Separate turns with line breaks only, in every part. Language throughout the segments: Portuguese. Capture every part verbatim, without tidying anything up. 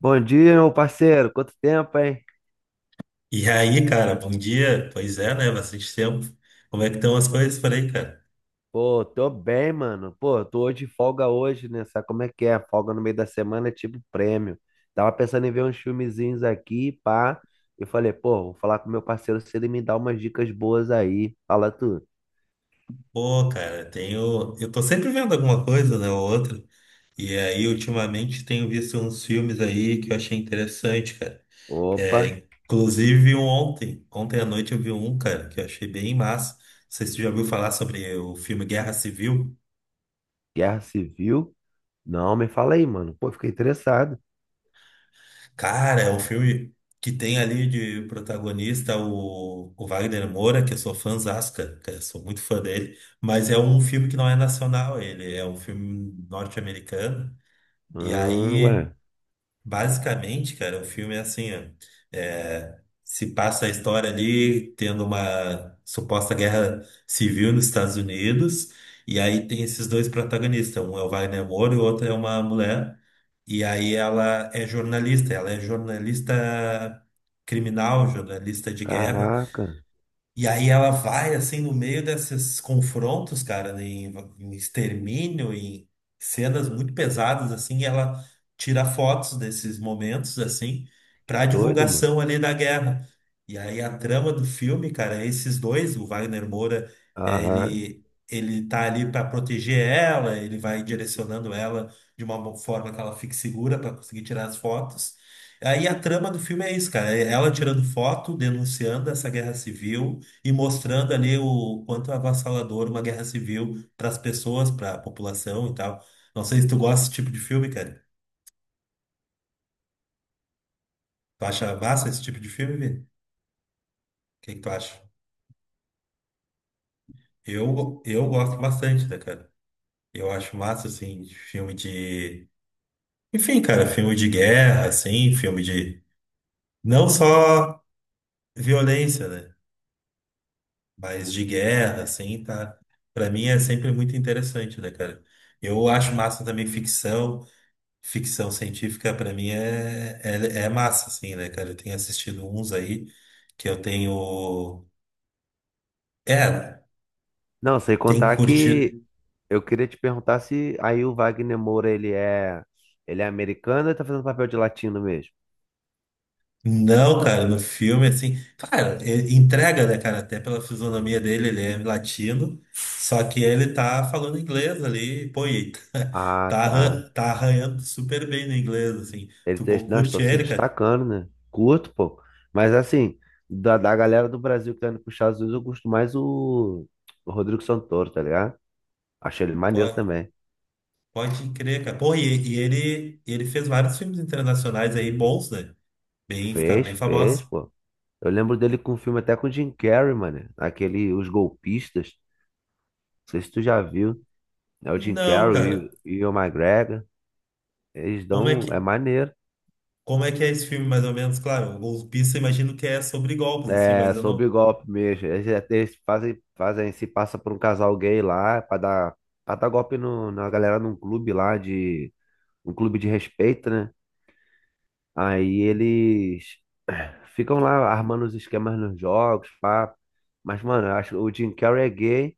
Bom dia, meu parceiro. Quanto tempo, hein?
E aí, cara, bom dia. Pois é, né? Bastante tempo. Como é que estão as coisas por aí, cara?
Pô, tô bem, mano. Pô, tô hoje de folga hoje, né? Sabe como é que é? Folga no meio da semana é tipo prêmio. Tava pensando em ver uns filmezinhos aqui, pá. Eu falei, pô, vou falar com meu parceiro se ele me dá umas dicas boas aí. Fala tu.
Pô, cara, tenho. Eu tô sempre vendo alguma coisa, né? Ou outra. E aí, ultimamente, tenho visto uns filmes aí que eu achei interessante, cara.
Opa,
É, inclusive um ontem. Ontem à noite eu vi um, cara, que eu achei bem massa. Não sei se tu já ouviu falar sobre o filme Guerra Civil.
Guerra Civil? Não, me fala aí, mano. Pô, fiquei interessado.
Cara, é um filme que tem ali de protagonista o, o Wagner Moura, que eu sou fãzaço, cara, cara, eu sou muito fã dele, mas é um filme que não é nacional, ele é um filme norte-americano. E
Ah, ué.
aí, basicamente, cara, o filme é assim, ó, é, se passa a história ali tendo uma suposta guerra civil nos Estados Unidos, e aí tem esses dois protagonistas, um é o Wagner Moura e o outro é uma mulher. E aí ela é jornalista, ela é jornalista criminal, jornalista de guerra.
Caraca,
E aí ela vai, assim, no meio desses confrontos, cara, em, em extermínio, em cenas muito pesadas, assim, e ela tira fotos desses momentos, assim,
que
pra
doido, mano.
divulgação ali da guerra. E aí a trama do filme, cara, é esses dois, o Wagner Moura, é,
Aham.
ele, ele tá ali pra proteger ela, ele vai direcionando ela de uma forma que ela fique segura pra conseguir tirar as fotos. Aí a trama do filme é isso, cara, é ela tirando foto, denunciando essa guerra civil e mostrando ali o quanto é avassalador uma guerra civil para as pessoas, para a população e tal. Não sei se tu gosta desse tipo de filme, cara. Tu acha massa esse tipo de filme, Vini? O que que tu acha? Eu, go- eu gosto bastante, né, cara? Eu acho massa, assim, de filme de. Enfim, cara, filme de guerra, assim, filme de. Não só violência, né? Mas de guerra, assim, tá? Pra mim é sempre muito interessante, né, cara? Eu acho massa também ficção. Ficção científica pra mim é, é, é massa, assim, né, cara? Eu tenho assistido uns aí que eu tenho. É,
Não, sem
tem
contar que
curtido.
eu queria te perguntar se aí o Wagner Moura, ele é, ele é americano ou ele tá fazendo papel de latino mesmo?
Não, cara, no filme, assim. Cara, e- entrega, né, cara? Até pela fisionomia dele, ele é latino, só que ele tá falando inglês ali, pô, e tá,
Ah,
tá
tá.
arran- tá arranhando super bem no inglês, assim.
Ele
Tu
tá,
co-
não,
curte
estou se
ele, cara?
destacando, né? Curto, pô. Mas assim, da, da galera do Brasil que tá indo pros Estados Unidos, eu gosto mais o, o Rodrigo Santoro, tá ligado? Achei ele maneiro
Pode,
também.
pode crer, cara. Pô, e, e ele, ele fez vários filmes internacionais aí bons, né? Bem, ficaram
Fez,
bem
fez,
famosos.
pô. Eu lembro dele com um filme até com o Jim Carrey, mano. Aquele Os Golpistas. Não sei se tu já viu. É o Jim
Não,
Carrey e o
cara.
e o Ewan McGregor. Eles
Como é
dão.
que,
É maneiro.
como é que é esse filme, mais ou menos? Claro, o Golpista, eu imagino que é sobre golpes, assim, mas
É,
eu
sob
não.
golpe mesmo. Eles, eles fazem, fazem, se passa por um casal gay lá pra dar, pra dar golpe no, na galera num clube lá de, um clube de respeito, né? Aí eles ficam lá armando os esquemas nos jogos, pá. Mas, mano, eu acho que o Jim Carrey é gay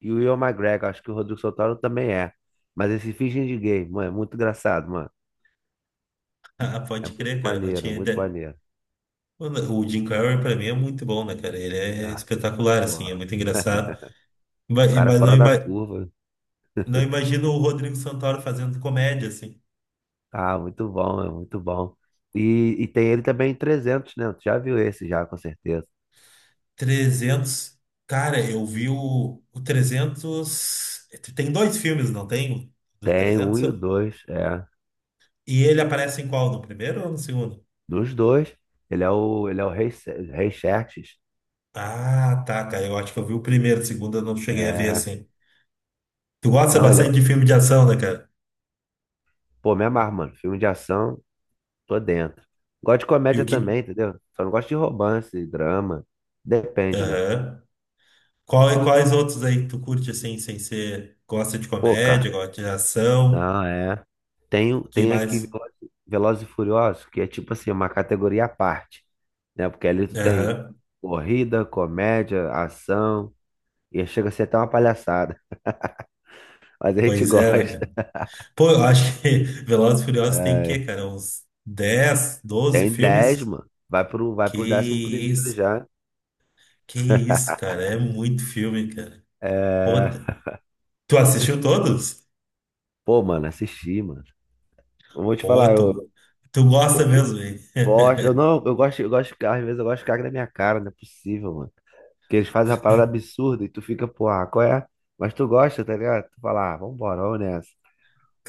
e o Ewan McGregor, acho que o Rodrigo Santoro também é. Mas eles se fingem de gay, mano, é muito engraçado, mano.
Ah,
É
pode
muito
crer, cara. Não
maneiro,
tinha
muito
ideia.
maneiro.
Mano, O Jim Carrey, pra mim, é muito bom, né, cara? Ele é
Ah,
espetacular, assim, é
porra.
muito engraçado.
O
Mas,
cara é
mas não,
fora da
ima-
curva.
não imagino o Rodrigo Santoro fazendo comédia, assim.
Ah, muito bom, é muito bom. E, e tem ele também em trezentos, né? Tu já viu esse já, com certeza.
Trezentos. Cara, eu vi o, o trezentos. Tem dois filmes, não tem? O Do
Tem um
trezentos?
e o dois, é.
E ele aparece em qual? No primeiro ou no segundo?
Dos dois, ele é o, ele é o Rei, Se- Rei Xerxes.
Ah, tá, cara. Eu acho que eu vi o primeiro, o segundo eu não cheguei a ver
É.
assim. Tu gosta
Não, ele é...
bastante
o-
de filme de ação, né, cara?
pô, me amarro, mano. Filme de ação, tô dentro. Gosto de
E o
comédia
que.
também, entendeu? Só não gosto de romance, drama. Depende, né?
Aham. Qual- quais outros aí que tu curte assim, sem ser. Gosta de
Pô,
comédia,
cara,
gosta de ação?
não, é. Tem,
Que
tem aqui
mais?
Velozes Velozes e Furiosos, que é tipo assim, uma categoria à parte, né? Porque ali tu tem
Aham.
corrida, comédia, ação, e chega a ser até uma palhaçada, mas a gente
Pois
gosta.
é, né, cara? Pô, eu acho que Velozes e Furiosos tem o
É,
quê, cara? Uns dez, doze
tem dez,
filmes?
mano. Vai pro, vai
Que
pro décimo primeiro
isso,
já.
que isso, cara. É muito filme, cara. Pô,
É,
tu assistiu todos?
pô, mano, assisti, mano. Eu vou te falar,
Porra,
eu,
tu, tu
eu
gosta
fi-
mesmo, hein?
gosto, eu não, eu gosto, eu gosto de carro, às vezes eu gosto de carro na minha cara, não é possível, mano. Que eles fazem uma parada absurda e tu fica, pô, ah, qual é? Mas tu gosta, tá ligado? Tu fala, ah, vambora, vamos nessa.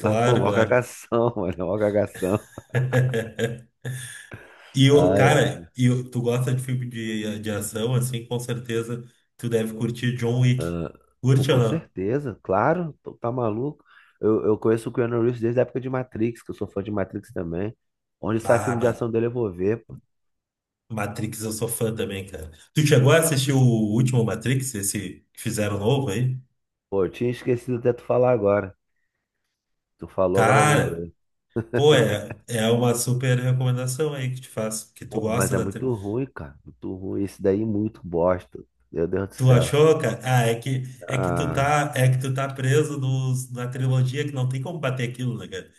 Mas, pô, mó
claro.
cagação, mano, mó cagação.
E o
Ah, é.
cara, e o- tu gosta de filme de, de ação, assim, com certeza tu deve curtir John Wick.
Pô,
Curte ou
com
não?
certeza, claro, tu tá maluco. Eu, eu conheço o Keanu Reeves desde a época de Matrix, que eu sou fã de Matrix também. Onde sai
Ah,
filme de ação
Ma-
dele, eu vou ver, pô.
Matrix eu sou fã também, cara. Tu chegou a assistir o último Matrix, esse que fizeram novo aí?
Pô, eu tinha esquecido até tu falar agora. Tu falou, agora eu
Cara,
lembrei.
pô, é, é uma super recomendação aí que te faço, que tu
Pô, mas
gosta
é
da tri-
muito ruim, cara. Muito ruim. Esse daí é muito bosta. Meu Deus do
Tu
céu.
achou, cara? Ah, é que é que tu
Ah.
tá, é que tu tá preso nos, na trilogia que não tem como bater aquilo, né, cara?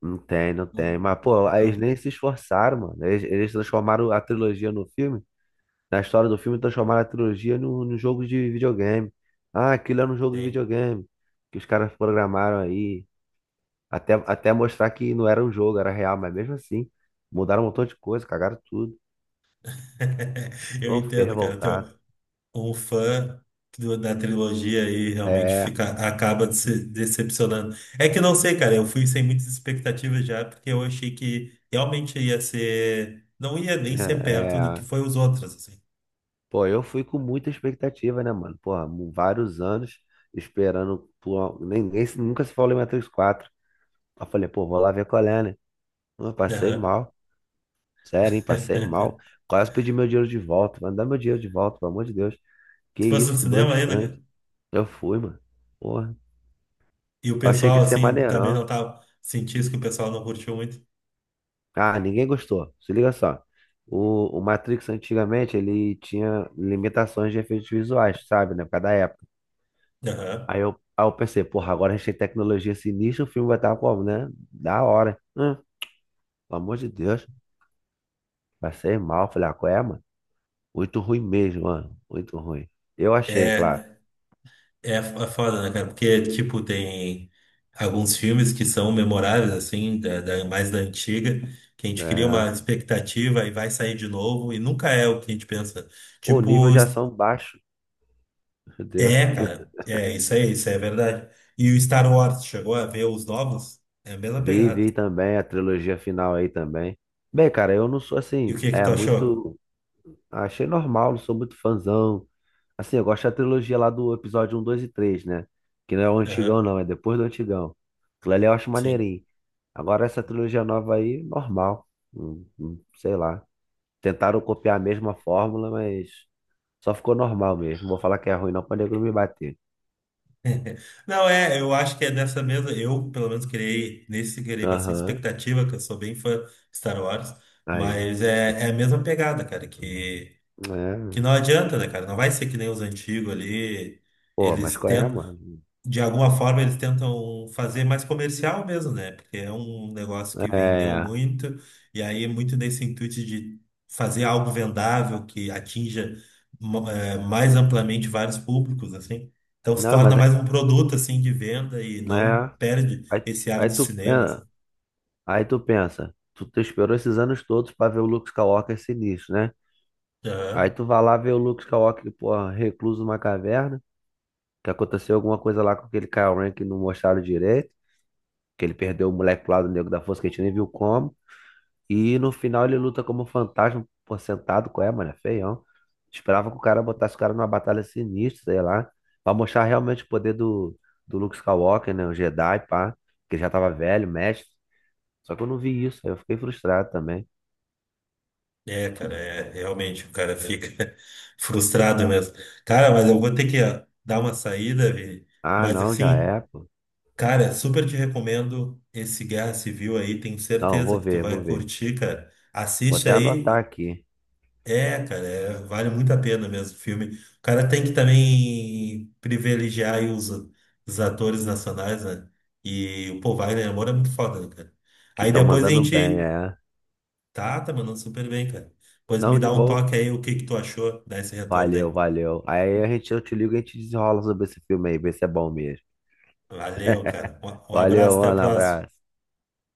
Não tem, não tem.
Não,
Mas, pô, aí eles
não
nem se esforçaram, mano. Eles, eles transformaram a trilogia no filme. Na história do filme, transformaram a trilogia no, no jogo de videogame. Ah, aquilo era um jogo de
tem.
videogame. Que os caras programaram aí. Até, até mostrar que não era um jogo, era real. Mas mesmo assim, mudaram um montão de coisa, cagaram tudo.
Eu
Eu fiquei
entendo, cara. Então,
revoltado.
um fã do- da trilogia aí realmente
É,
fica, acaba se decepcionando. É que não sei, cara. Eu fui sem muitas expectativas já, porque eu achei que realmente ia ser. Não ia nem
né,
ser perto do que
é.
foi os outros, assim.
Pô, eu fui com muita expectativa, né, mano? Porra, mu- vários anos esperando. Por... Ninguém se- nunca se falou em Matrix quatro. Aí eu falei, pô, vou lá ver qual é, né? Eu passei
Aham.
mal, sério, hein? Passei mal. Quase pedi meu dinheiro de volta. Vai me dar meu dinheiro de volta, pelo amor de Deus. Que
Se fosse no
isso, que
cinema ainda,
broxante.
cara.
Eu fui, mano. Porra.
E o
Eu achei que
pessoal,
ia ser
assim, também
maneirão.
não tava. Senti que o pessoal não curtiu muito.
Ah, ninguém gostou. Se liga só. O, o Matrix antigamente ele tinha limitações de efeitos visuais, sabe, né? Por causa da época.
Aham.
Aí eu, aí eu pensei, porra, agora a gente tem tecnologia sinistra, o filme vai estar como, né? Da hora. Hum, pelo amor de Deus. Passei mal. Falei, ah, qual é, mano? Muito ruim mesmo, mano. Muito ruim. Eu achei, claro.
É. É, é foda, né, cara? Porque, tipo, tem alguns filmes que são memoráveis, assim, da, da- mais da antiga, que a gente cria
É.
uma expectativa e vai sair de novo, e nunca é o que a gente pensa.
O nível
Tipo,
de ação baixo, meu Deus.
é, cara, é isso aí, isso aí é verdade. E o Star Wars chegou a ver os novos? É a mesma
Vi,
pegada.
vi também a trilogia final aí também. Bem, cara, eu não sou
E o
assim,
que que
é
tu achou?
muito. Achei normal, não sou muito fãzão. Assim, eu gosto da trilogia lá do episódio um dois e três, né? Que não é o
Aham,
antigão, não, é depois do antigão. Aquilo ali eu acho
sim.
maneirinho. Agora essa trilogia nova aí, normal. Hum, hum, Sei lá. Tentaram copiar a mesma fórmula, mas. Só ficou normal mesmo. Não vou falar que é ruim, não, pra nego não me bater.
Não, é, eu acho que é nessa mesma. Eu, pelo menos, criei, nesse criei bastante
Aham.
expectativa, que eu sou bem fã de Star Wars,
Aí, ó.
mas é, é a mesma pegada, cara, que, que
É.
não adianta, né, cara? Não vai ser que nem os antigos ali.
Pô,
Eles
mas qual é,
tentam
mano?
de alguma forma eles tentam fazer mais comercial mesmo, né? Porque é um negócio que vendeu
É.
muito, e aí é muito nesse intuito de fazer algo vendável que atinja mo- eh, mais amplamente vários públicos, assim. Então se
Não,
torna
mas é.
mais um produto, assim, de venda e não
É.
perde
Aí,
esse ar
aí
do
tu,
cinema,
pen-
assim.
aí tu pensa, tu, tu esperou esses anos todos pra ver o Luke Skywalker sinistro, né? Aí
Aham.
tu vai lá ver o Luke Skywalker, pô, recluso numa caverna, que aconteceu alguma coisa lá com aquele Kylo Ren que não mostraram direito, que ele perdeu o moleque pro lado negro da força, que a gente nem viu como. E no final ele luta como um fantasma, pô, sentado, qual é, mano? É feião. Esperava que o cara botasse o cara numa batalha sinistra, sei lá. Pra mostrar realmente o poder do, do Luke Skywalker, né? O Jedi, pá. Que já tava velho, mestre. Só que eu não vi isso, aí eu fiquei frustrado também.
É, cara, é, realmente, o cara fica frustrado mesmo. Cara, mas eu vou ter que ó, dar uma saída, Vini,
Ah,
mas
não, já
assim,
é, pô.
cara, super te recomendo esse Guerra Civil aí, tenho
Não,
certeza
vou
que tu
ver, vou
vai
ver.
curtir, cara.
Vou
Assiste
até anotar
aí,
aqui,
é, cara, é- vale muito a pena mesmo o filme. O cara tem que também privilegiar aí os, os atores nacionais, né? E, pô, Wagner Moura é muito foda, né, cara?
que
Aí
estão
depois a
mandando bem,
gente.
é.
Tá, tá mandando super bem, cara. Depois me
Não, de
dá um
boa.
toque aí, o que que tu achou, dá esse retorno
Valeu,
aí.
valeu. Aí a gente, eu te ligo e a gente desenrola sobre esse filme aí, ver se é bom mesmo.
Valeu, cara. Um um abraço,
Valeu,
até a
mano,
próxima.
abraço.